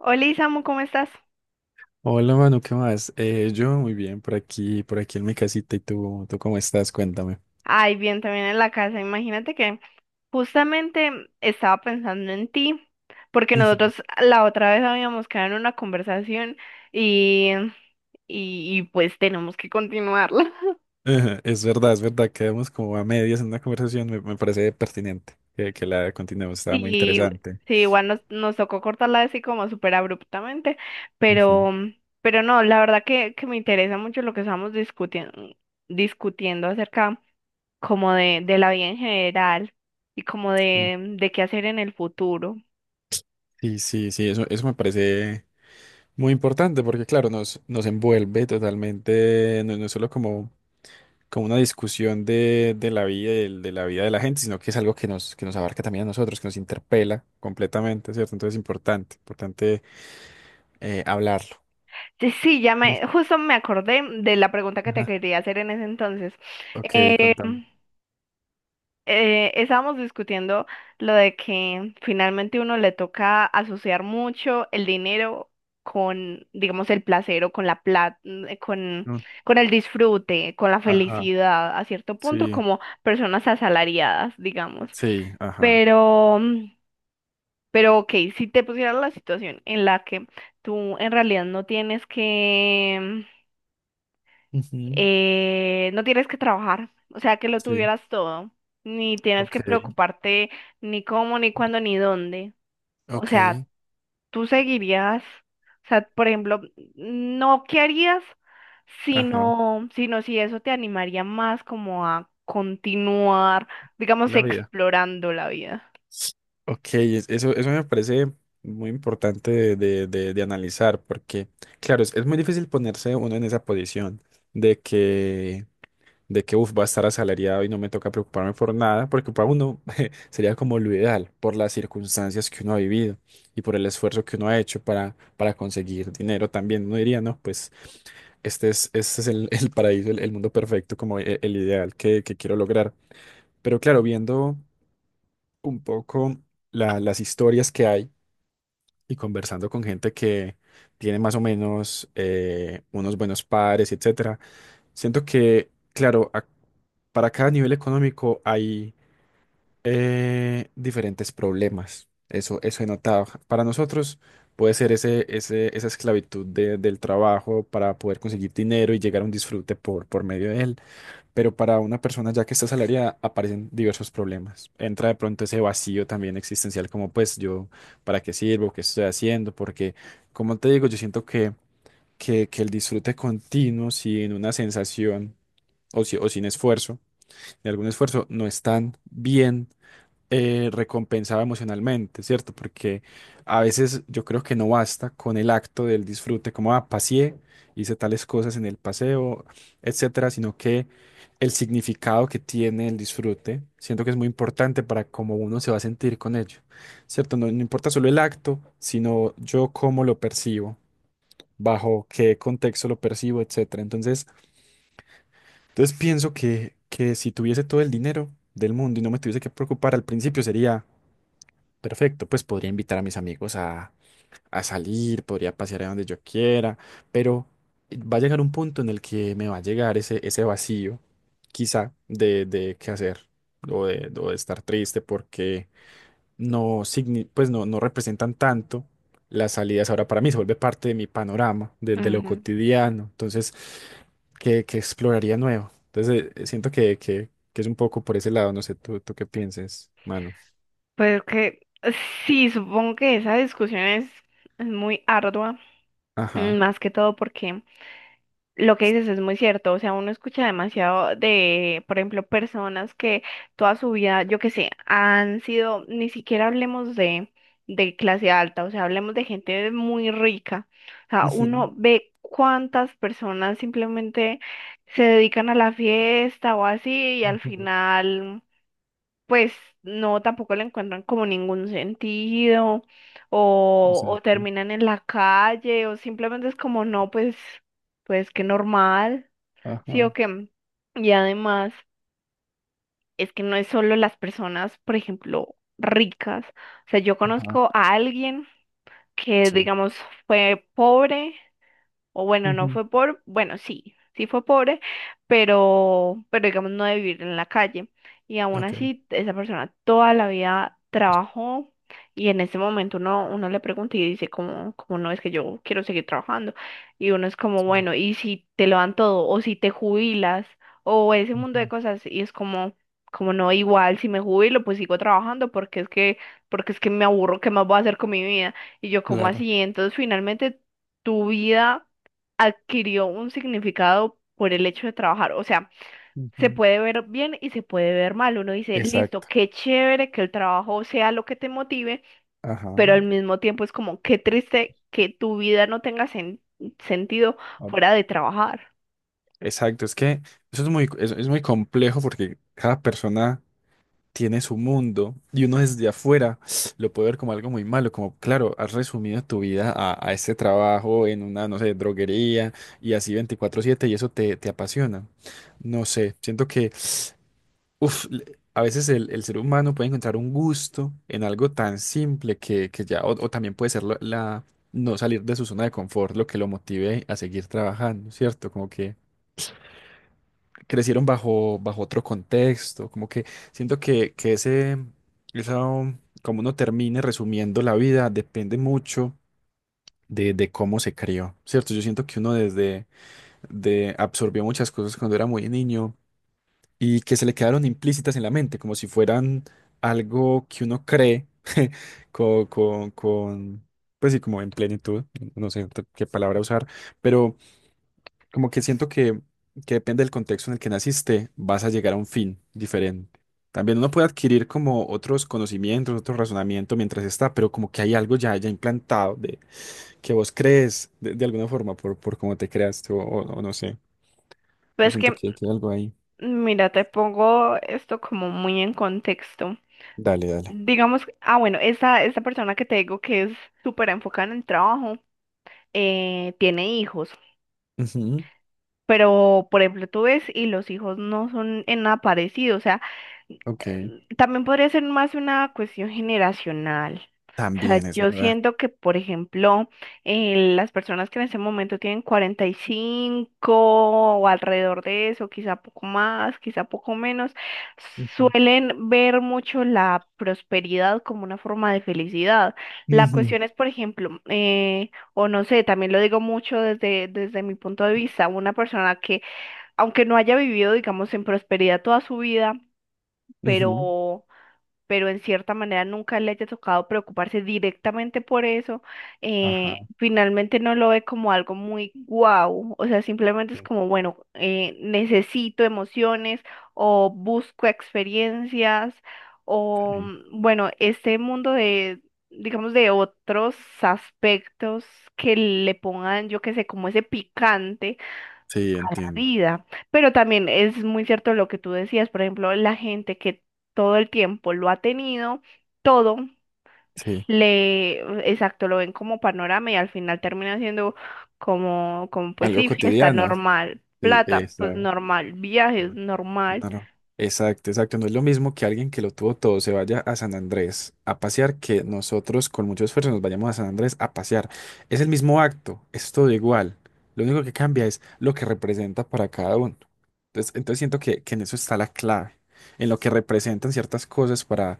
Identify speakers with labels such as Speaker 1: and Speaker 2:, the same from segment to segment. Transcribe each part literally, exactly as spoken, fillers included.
Speaker 1: Hola Isamu, ¿cómo estás?
Speaker 2: Hola Manu, ¿qué más? Eh, yo muy bien, por aquí, por aquí en mi casita. ¿Y tú, tú cómo estás? Cuéntame.
Speaker 1: Ay, bien, también en la casa. Imagínate que justamente estaba pensando en ti, porque nosotros la otra vez habíamos quedado en una conversación y, y, y, pues tenemos que continuarla.
Speaker 2: Ajá, es verdad, es verdad, quedamos como a medias en una conversación, me, me parece pertinente que, que la continuemos, estaba muy
Speaker 1: Sí,
Speaker 2: interesante.
Speaker 1: sí, igual nos, nos tocó cortarla así como súper abruptamente,
Speaker 2: Ujú.
Speaker 1: pero, pero no, la verdad que, que me interesa mucho lo que estamos discutiendo, discutiendo acerca. Como de, de la vida en general y como
Speaker 2: Sí,
Speaker 1: de, de qué hacer en el futuro.
Speaker 2: sí, sí, sí, eso, eso me parece muy importante porque, claro, nos, nos envuelve totalmente, no, no es solo como, como una discusión de, de la vida, del- de, la vida de la gente, sino que es algo que nos, que nos abarca también a nosotros, que nos interpela completamente, ¿cierto? Entonces es importante, importante eh, hablarlo.
Speaker 1: Sí, sí, ya
Speaker 2: Sí,
Speaker 1: me, justo me acordé de la pregunta que te
Speaker 2: ajá.
Speaker 1: quería hacer en ese entonces.
Speaker 2: Ok, contame.
Speaker 1: Em, eh, Estábamos discutiendo lo de que finalmente uno le toca asociar mucho el dinero con, digamos, el placer o con la plata, con,
Speaker 2: No,
Speaker 1: con el disfrute, con la
Speaker 2: ajá,
Speaker 1: felicidad, a cierto punto,
Speaker 2: sí,
Speaker 1: como personas asalariadas, digamos.
Speaker 2: sí, ajá,
Speaker 1: Pero Pero ok, si te pusieras la situación en la que tú en realidad no tienes que,
Speaker 2: ujú,
Speaker 1: eh, no tienes que trabajar, o sea, que lo
Speaker 2: sí,
Speaker 1: tuvieras todo, ni tienes
Speaker 2: ok,
Speaker 1: que preocuparte ni cómo, ni cuándo, ni dónde. O sea,
Speaker 2: ok,
Speaker 1: tú seguirías, o sea, por ejemplo, no qué harías,
Speaker 2: ajá,
Speaker 1: sino, sino si eso te animaría más como a continuar, digamos,
Speaker 2: la vida.
Speaker 1: explorando la vida.
Speaker 2: Ok, es- eso, eso me parece muy importante de, de- de- de analizar porque, claro, es, es muy difícil ponerse uno en esa posición de que de que, uff, va a estar asalariado y no me toca preocuparme por nada, porque para uno sería como lo ideal, por las circunstancias que uno ha vivido y por el esfuerzo que uno ha hecho para, para conseguir dinero también. Uno diría, no, pues este es, este es el, el paraíso, el, el mundo perfecto, como e- el, ideal que, que quiero lograr. Pero claro, viendo un poco la- las historias que hay y conversando con gente que tiene más o menos eh, unos buenos padres, etc. Siento que, claro, a- para cada nivel económico hay eh, diferentes problemas. Eso, eso he notado. Para nosotros puede ser ese, ese, esa esclavitud de- del trabajo para poder conseguir dinero y llegar a un disfrute por, por medio de él. Pero para una persona ya que está asalariada aparecen diversos problemas. Entra de pronto ese vacío también existencial como pues yo, ¿para qué sirvo? ¿Qué estoy haciendo? Porque, como te digo, yo siento que, que, que el disfrute continuo sin una sensación o, si- o sin esfuerzo, de algún esfuerzo, no están bien eh, recompensada emocionalmente, ¿cierto? Porque a veces yo creo que no basta con el acto del disfrute, como, ah, paseé, hice tales cosas en el paseo, etcétera, sino que el significado que tiene el disfrute, siento que es muy importante para cómo uno se va a sentir con ello, ¿cierto? No, no importa solo el acto, sino yo cómo lo percibo, bajo qué contexto lo percibo, etcétera. Entonces, entonces pienso que, que si tuviese todo el dinero del mundo y no me tuviese que preocupar al principio sería perfecto, pues podría invitar a mis amigos a, a salir, podría pasear a donde yo quiera, pero va a llegar un punto en el que me va a llegar ese, ese vacío, quizá, de, de qué hacer o de, o de estar triste porque no, signi- pues no, no representan tanto las salidas. Ahora para mí se vuelve parte de mi panorama, de, de lo cotidiano. Entonces, ¿qué, qué exploraría nuevo? Entonces, eh, siento que, que, que es un poco por ese lado. No sé, tú, tú qué pienses, mano.
Speaker 1: Pues que sí, supongo que esa discusión es, es muy ardua, mm,
Speaker 2: Ajá.
Speaker 1: más que todo porque lo que dices es muy cierto, o sea, uno escucha demasiado de, por ejemplo, personas que toda su vida, yo qué sé, han sido, ni siquiera hablemos de, de clase alta, o sea, hablemos de gente muy rica, o sea,
Speaker 2: Ujú,
Speaker 1: uno ve cuántas personas simplemente se dedican a la fiesta o así y al
Speaker 2: ujú,
Speaker 1: final pues no, tampoco le encuentran como ningún sentido o, o
Speaker 2: exacto.
Speaker 1: terminan en la calle o simplemente es como no, pues, pues qué normal, sí
Speaker 2: Ajá,
Speaker 1: o qué. Y además es que no es solo las personas, por ejemplo, ricas. O sea, yo
Speaker 2: ajá.
Speaker 1: conozco a alguien que,
Speaker 2: Sí.
Speaker 1: digamos, fue pobre o bueno, no
Speaker 2: Ujú,
Speaker 1: fue por bueno, sí, sí fue pobre, pero, pero digamos no de vivir en la calle. Y aún
Speaker 2: ok.
Speaker 1: así, esa persona toda la vida trabajó y en ese momento uno, uno le pregunta y dice, como, como no es que yo quiero seguir trabajando. Y uno es como,
Speaker 2: Sí.
Speaker 1: bueno, ¿y si te lo dan todo? ¿O si te jubilas? O ese mundo de
Speaker 2: Ujú,
Speaker 1: cosas y es como, como no, igual si me jubilo, pues sigo trabajando porque es que, porque es que me aburro, ¿qué más voy a hacer con mi vida? Y yo como
Speaker 2: claro.
Speaker 1: así, entonces finalmente tu vida adquirió un significado por el hecho de trabajar. O sea, se
Speaker 2: Ujú.
Speaker 1: puede ver bien y se puede ver mal. Uno dice, listo,
Speaker 2: Exacto.
Speaker 1: qué chévere que el trabajo sea lo que te motive,
Speaker 2: Ajá.
Speaker 1: pero al mismo tiempo es como, qué triste que tu vida no tenga sen- sentido
Speaker 2: Ah,
Speaker 1: fuera de trabajar.
Speaker 2: exacto. Es que eso es muy, es es muy complejo porque cada persona tiene su mundo y uno desde afuera lo puede ver como algo muy malo, como claro, has resumido tu vida a, a ese trabajo en una, no sé, droguería y así veinticuatro siete y eso te, te apasiona. No sé, siento que uf, le- a veces el, el ser humano puede encontrar un gusto en algo tan simple que, que ya, o, o también puede ser la, la- no salir de su zona de confort lo que lo motive a seguir trabajando, ¿cierto? Como que crecieron bajo, bajo otro contexto, como que siento que, que ese, esa, um, como uno termine resumiendo la vida, depende mucho de, de cómo se crió, ¿cierto? Yo siento que uno desde, de, absorbió muchas cosas cuando era muy niño y que se le quedaron implícitas en la mente, como si fueran algo que uno cree con, con, con pues sí, como en plenitud, no sé qué palabra usar, pero como que siento que, que depende del contexto en el que naciste, vas a llegar a un fin diferente. También uno puede adquirir como otros conocimientos, otro razonamiento mientras está, pero como que hay algo ya, ya implantado de que vos crees de, de alguna forma por, por cómo te creaste o, o- o no sé. Yo
Speaker 1: Pues
Speaker 2: siento
Speaker 1: que,
Speaker 2: que, que hay algo ahí.
Speaker 1: mira, te pongo esto como muy en contexto.
Speaker 2: Dale, dale.
Speaker 1: Digamos, ah, bueno, esta, esta persona que te digo que es súper enfocada en el trabajo, eh, tiene hijos.
Speaker 2: Ujú,
Speaker 1: Pero, por ejemplo, tú ves y los hijos no son en nada parecidos, o sea,
Speaker 2: ok.
Speaker 1: em, también podría ser más una cuestión generacional. O sea,
Speaker 2: También es
Speaker 1: yo
Speaker 2: verdad.
Speaker 1: siento que, por ejemplo, eh, las personas que en este momento tienen cuarenta y cinco o alrededor de eso, quizá poco más, quizá poco menos,
Speaker 2: Ujú.
Speaker 1: suelen ver mucho la prosperidad como una forma de felicidad. La
Speaker 2: Ujú,
Speaker 1: cuestión es, por ejemplo, eh, o no sé, también lo digo mucho desde, desde mi punto de vista, una persona que, aunque no haya vivido, digamos, en prosperidad toda su vida,
Speaker 2: ujú.
Speaker 1: pero, pero en cierta manera nunca le haya tocado preocuparse directamente por eso,
Speaker 2: Ajá.
Speaker 1: eh, finalmente no lo ve como algo muy guau, o sea, simplemente es
Speaker 2: Sí,
Speaker 1: como, bueno, eh, necesito emociones o busco experiencias o,
Speaker 2: sí.
Speaker 1: mm, bueno, este mundo de... digamos, de otros aspectos que le pongan, yo qué sé, como ese picante
Speaker 2: Sí,
Speaker 1: la
Speaker 2: entiendo.
Speaker 1: vida. Pero también es muy cierto lo que tú decías, por ejemplo, la gente que todo el tiempo lo ha tenido, todo,
Speaker 2: Sí.
Speaker 1: le, exacto, lo ven como panorama y al final termina siendo como, como pues
Speaker 2: Algo
Speaker 1: sí, fiesta
Speaker 2: cotidiano.
Speaker 1: normal,
Speaker 2: Sí,
Speaker 1: plata, pues
Speaker 2: esa.
Speaker 1: normal, viajes normal.
Speaker 2: No, no. Exacto, exacto. No es lo mismo que alguien que lo tuvo todo se vaya a San Andrés a pasear que nosotros con mucho esfuerzo nos vayamos a San Andrés a pasear. Es el mismo acto, es todo igual. Lo único que cambia es lo que representa para cada uno. Entonces, entonces siento que, que en eso está la clave, en lo que representan ciertas cosas para,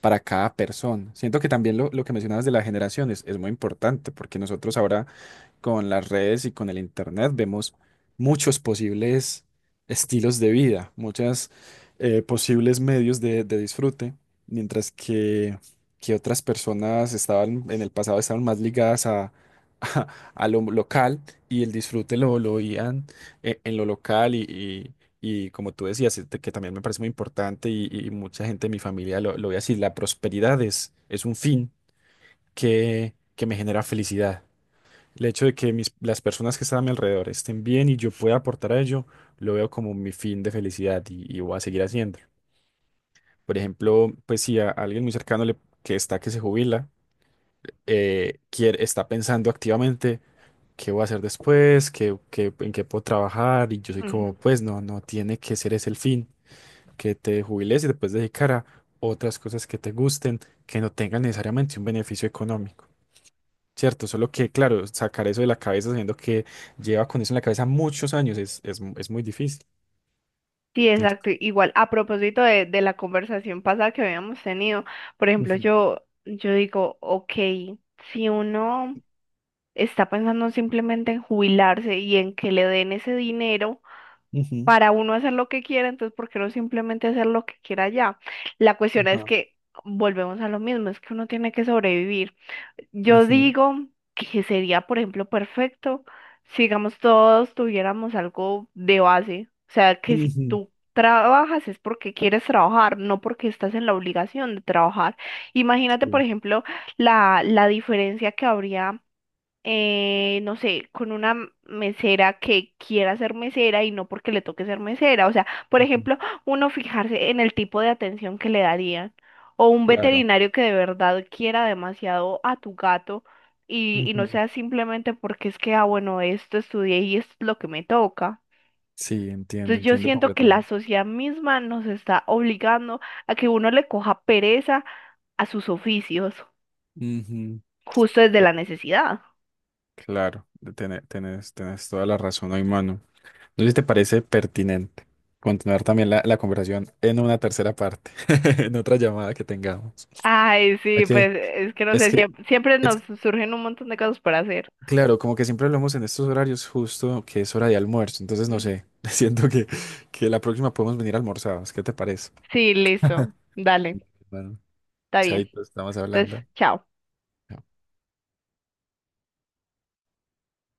Speaker 2: para cada persona. Siento que también lo, lo que mencionabas de las generaciones es muy importante porque nosotros ahora con las redes y con el internet vemos muchos posibles estilos de vida, muchos posibles medios de, de disfrute, mientras que, que otras personas estaban en el pasado estaban más ligadas a, a, a lo local y el disfrute lo, lo oían eh, en lo local y, y- y como tú decías, este, que también me parece muy importante y, y mucha gente de mi familia lo, lo ve así, la prosperidad es, es un fin que, que me genera felicidad. El hecho de que mis, las personas que están a mi alrededor estén bien y yo pueda aportar a ello, lo veo como mi fin de felicidad y, y voy a seguir haciéndolo. Por ejemplo, pues si a alguien muy cercano le- que está que se jubila, eh, quiere, está pensando activamente qué voy a hacer después, qué, qué- en qué puedo trabajar, y yo soy como,
Speaker 1: Ujú.
Speaker 2: pues no, no tiene que ser ese el fin, que te jubiles y después dedicar a otras cosas que te gusten, que no tengan necesariamente un beneficio económico. Cierto, solo que, claro, sacar eso de la cabeza sabiendo que lleva con eso en la cabeza muchos años es, es, mu- es muy difícil,
Speaker 1: Sí,
Speaker 2: ¿cierto?
Speaker 1: exacto. Igual, a propósito de, de la conversación pasada que habíamos tenido, por ejemplo,
Speaker 2: Ujú,
Speaker 1: yo, yo digo, ok, si uno está pensando simplemente en jubilarse y en que le den ese dinero
Speaker 2: ujú,
Speaker 1: para uno hacer lo que quiera, entonces, ¿por qué no simplemente hacer lo que quiera ya? La cuestión es
Speaker 2: ajá,
Speaker 1: que volvemos a lo mismo, es que uno tiene que sobrevivir. Yo
Speaker 2: ujú,
Speaker 1: digo que sería, por ejemplo, perfecto si, digamos, todos tuviéramos algo de base, o sea, que si
Speaker 2: ujú,
Speaker 1: tú... Trabajas es porque quieres trabajar, no porque estás en la obligación de trabajar. Imagínate, por
Speaker 2: sí.
Speaker 1: ejemplo, la, la diferencia que habría eh, no sé, con una m- mesera que quiera ser mesera y no porque le toque ser mesera. O sea, por
Speaker 2: Ujú,
Speaker 1: ejemplo, uno fijarse en el tipo de atención que le darían. O un
Speaker 2: claro.
Speaker 1: veterinario que de verdad quiera demasiado a tu gato y, y no
Speaker 2: Ujú,
Speaker 1: sea simplemente porque es que, ah, bueno, esto estudié y esto es lo que me toca.
Speaker 2: sí, entiendo,
Speaker 1: Entonces yo
Speaker 2: entiendo
Speaker 1: siento que la
Speaker 2: completamente.
Speaker 1: sociedad misma nos está obligando a que uno le coja pereza a sus oficios,
Speaker 2: Ujú.
Speaker 1: justo desde
Speaker 2: Eh,
Speaker 1: la necesidad.
Speaker 2: Claro, de- tene- tenés, tenés toda la razón hoy, mano. No sé si te parece pertinente continuar también la, la conversación en una tercera parte, en otra llamada que tengamos.
Speaker 1: Ay,
Speaker 2: ¿A
Speaker 1: sí,
Speaker 2: qué?
Speaker 1: pues es que no
Speaker 2: Es
Speaker 1: sé,
Speaker 2: que,
Speaker 1: siempre, siempre
Speaker 2: es
Speaker 1: nos
Speaker 2: que
Speaker 1: surgen un montón de cosas por hacer.
Speaker 2: claro, como que siempre hablamos en estos horarios justo que es hora de almuerzo, entonces no
Speaker 1: Ujú.
Speaker 2: sé, siento que, que la próxima podemos venir almorzados, ¿qué te parece?
Speaker 1: Sí, listo. Dale,
Speaker 2: Bueno,
Speaker 1: está bien.
Speaker 2: chaito, estamos
Speaker 1: Entonces,
Speaker 2: hablando.
Speaker 1: chao.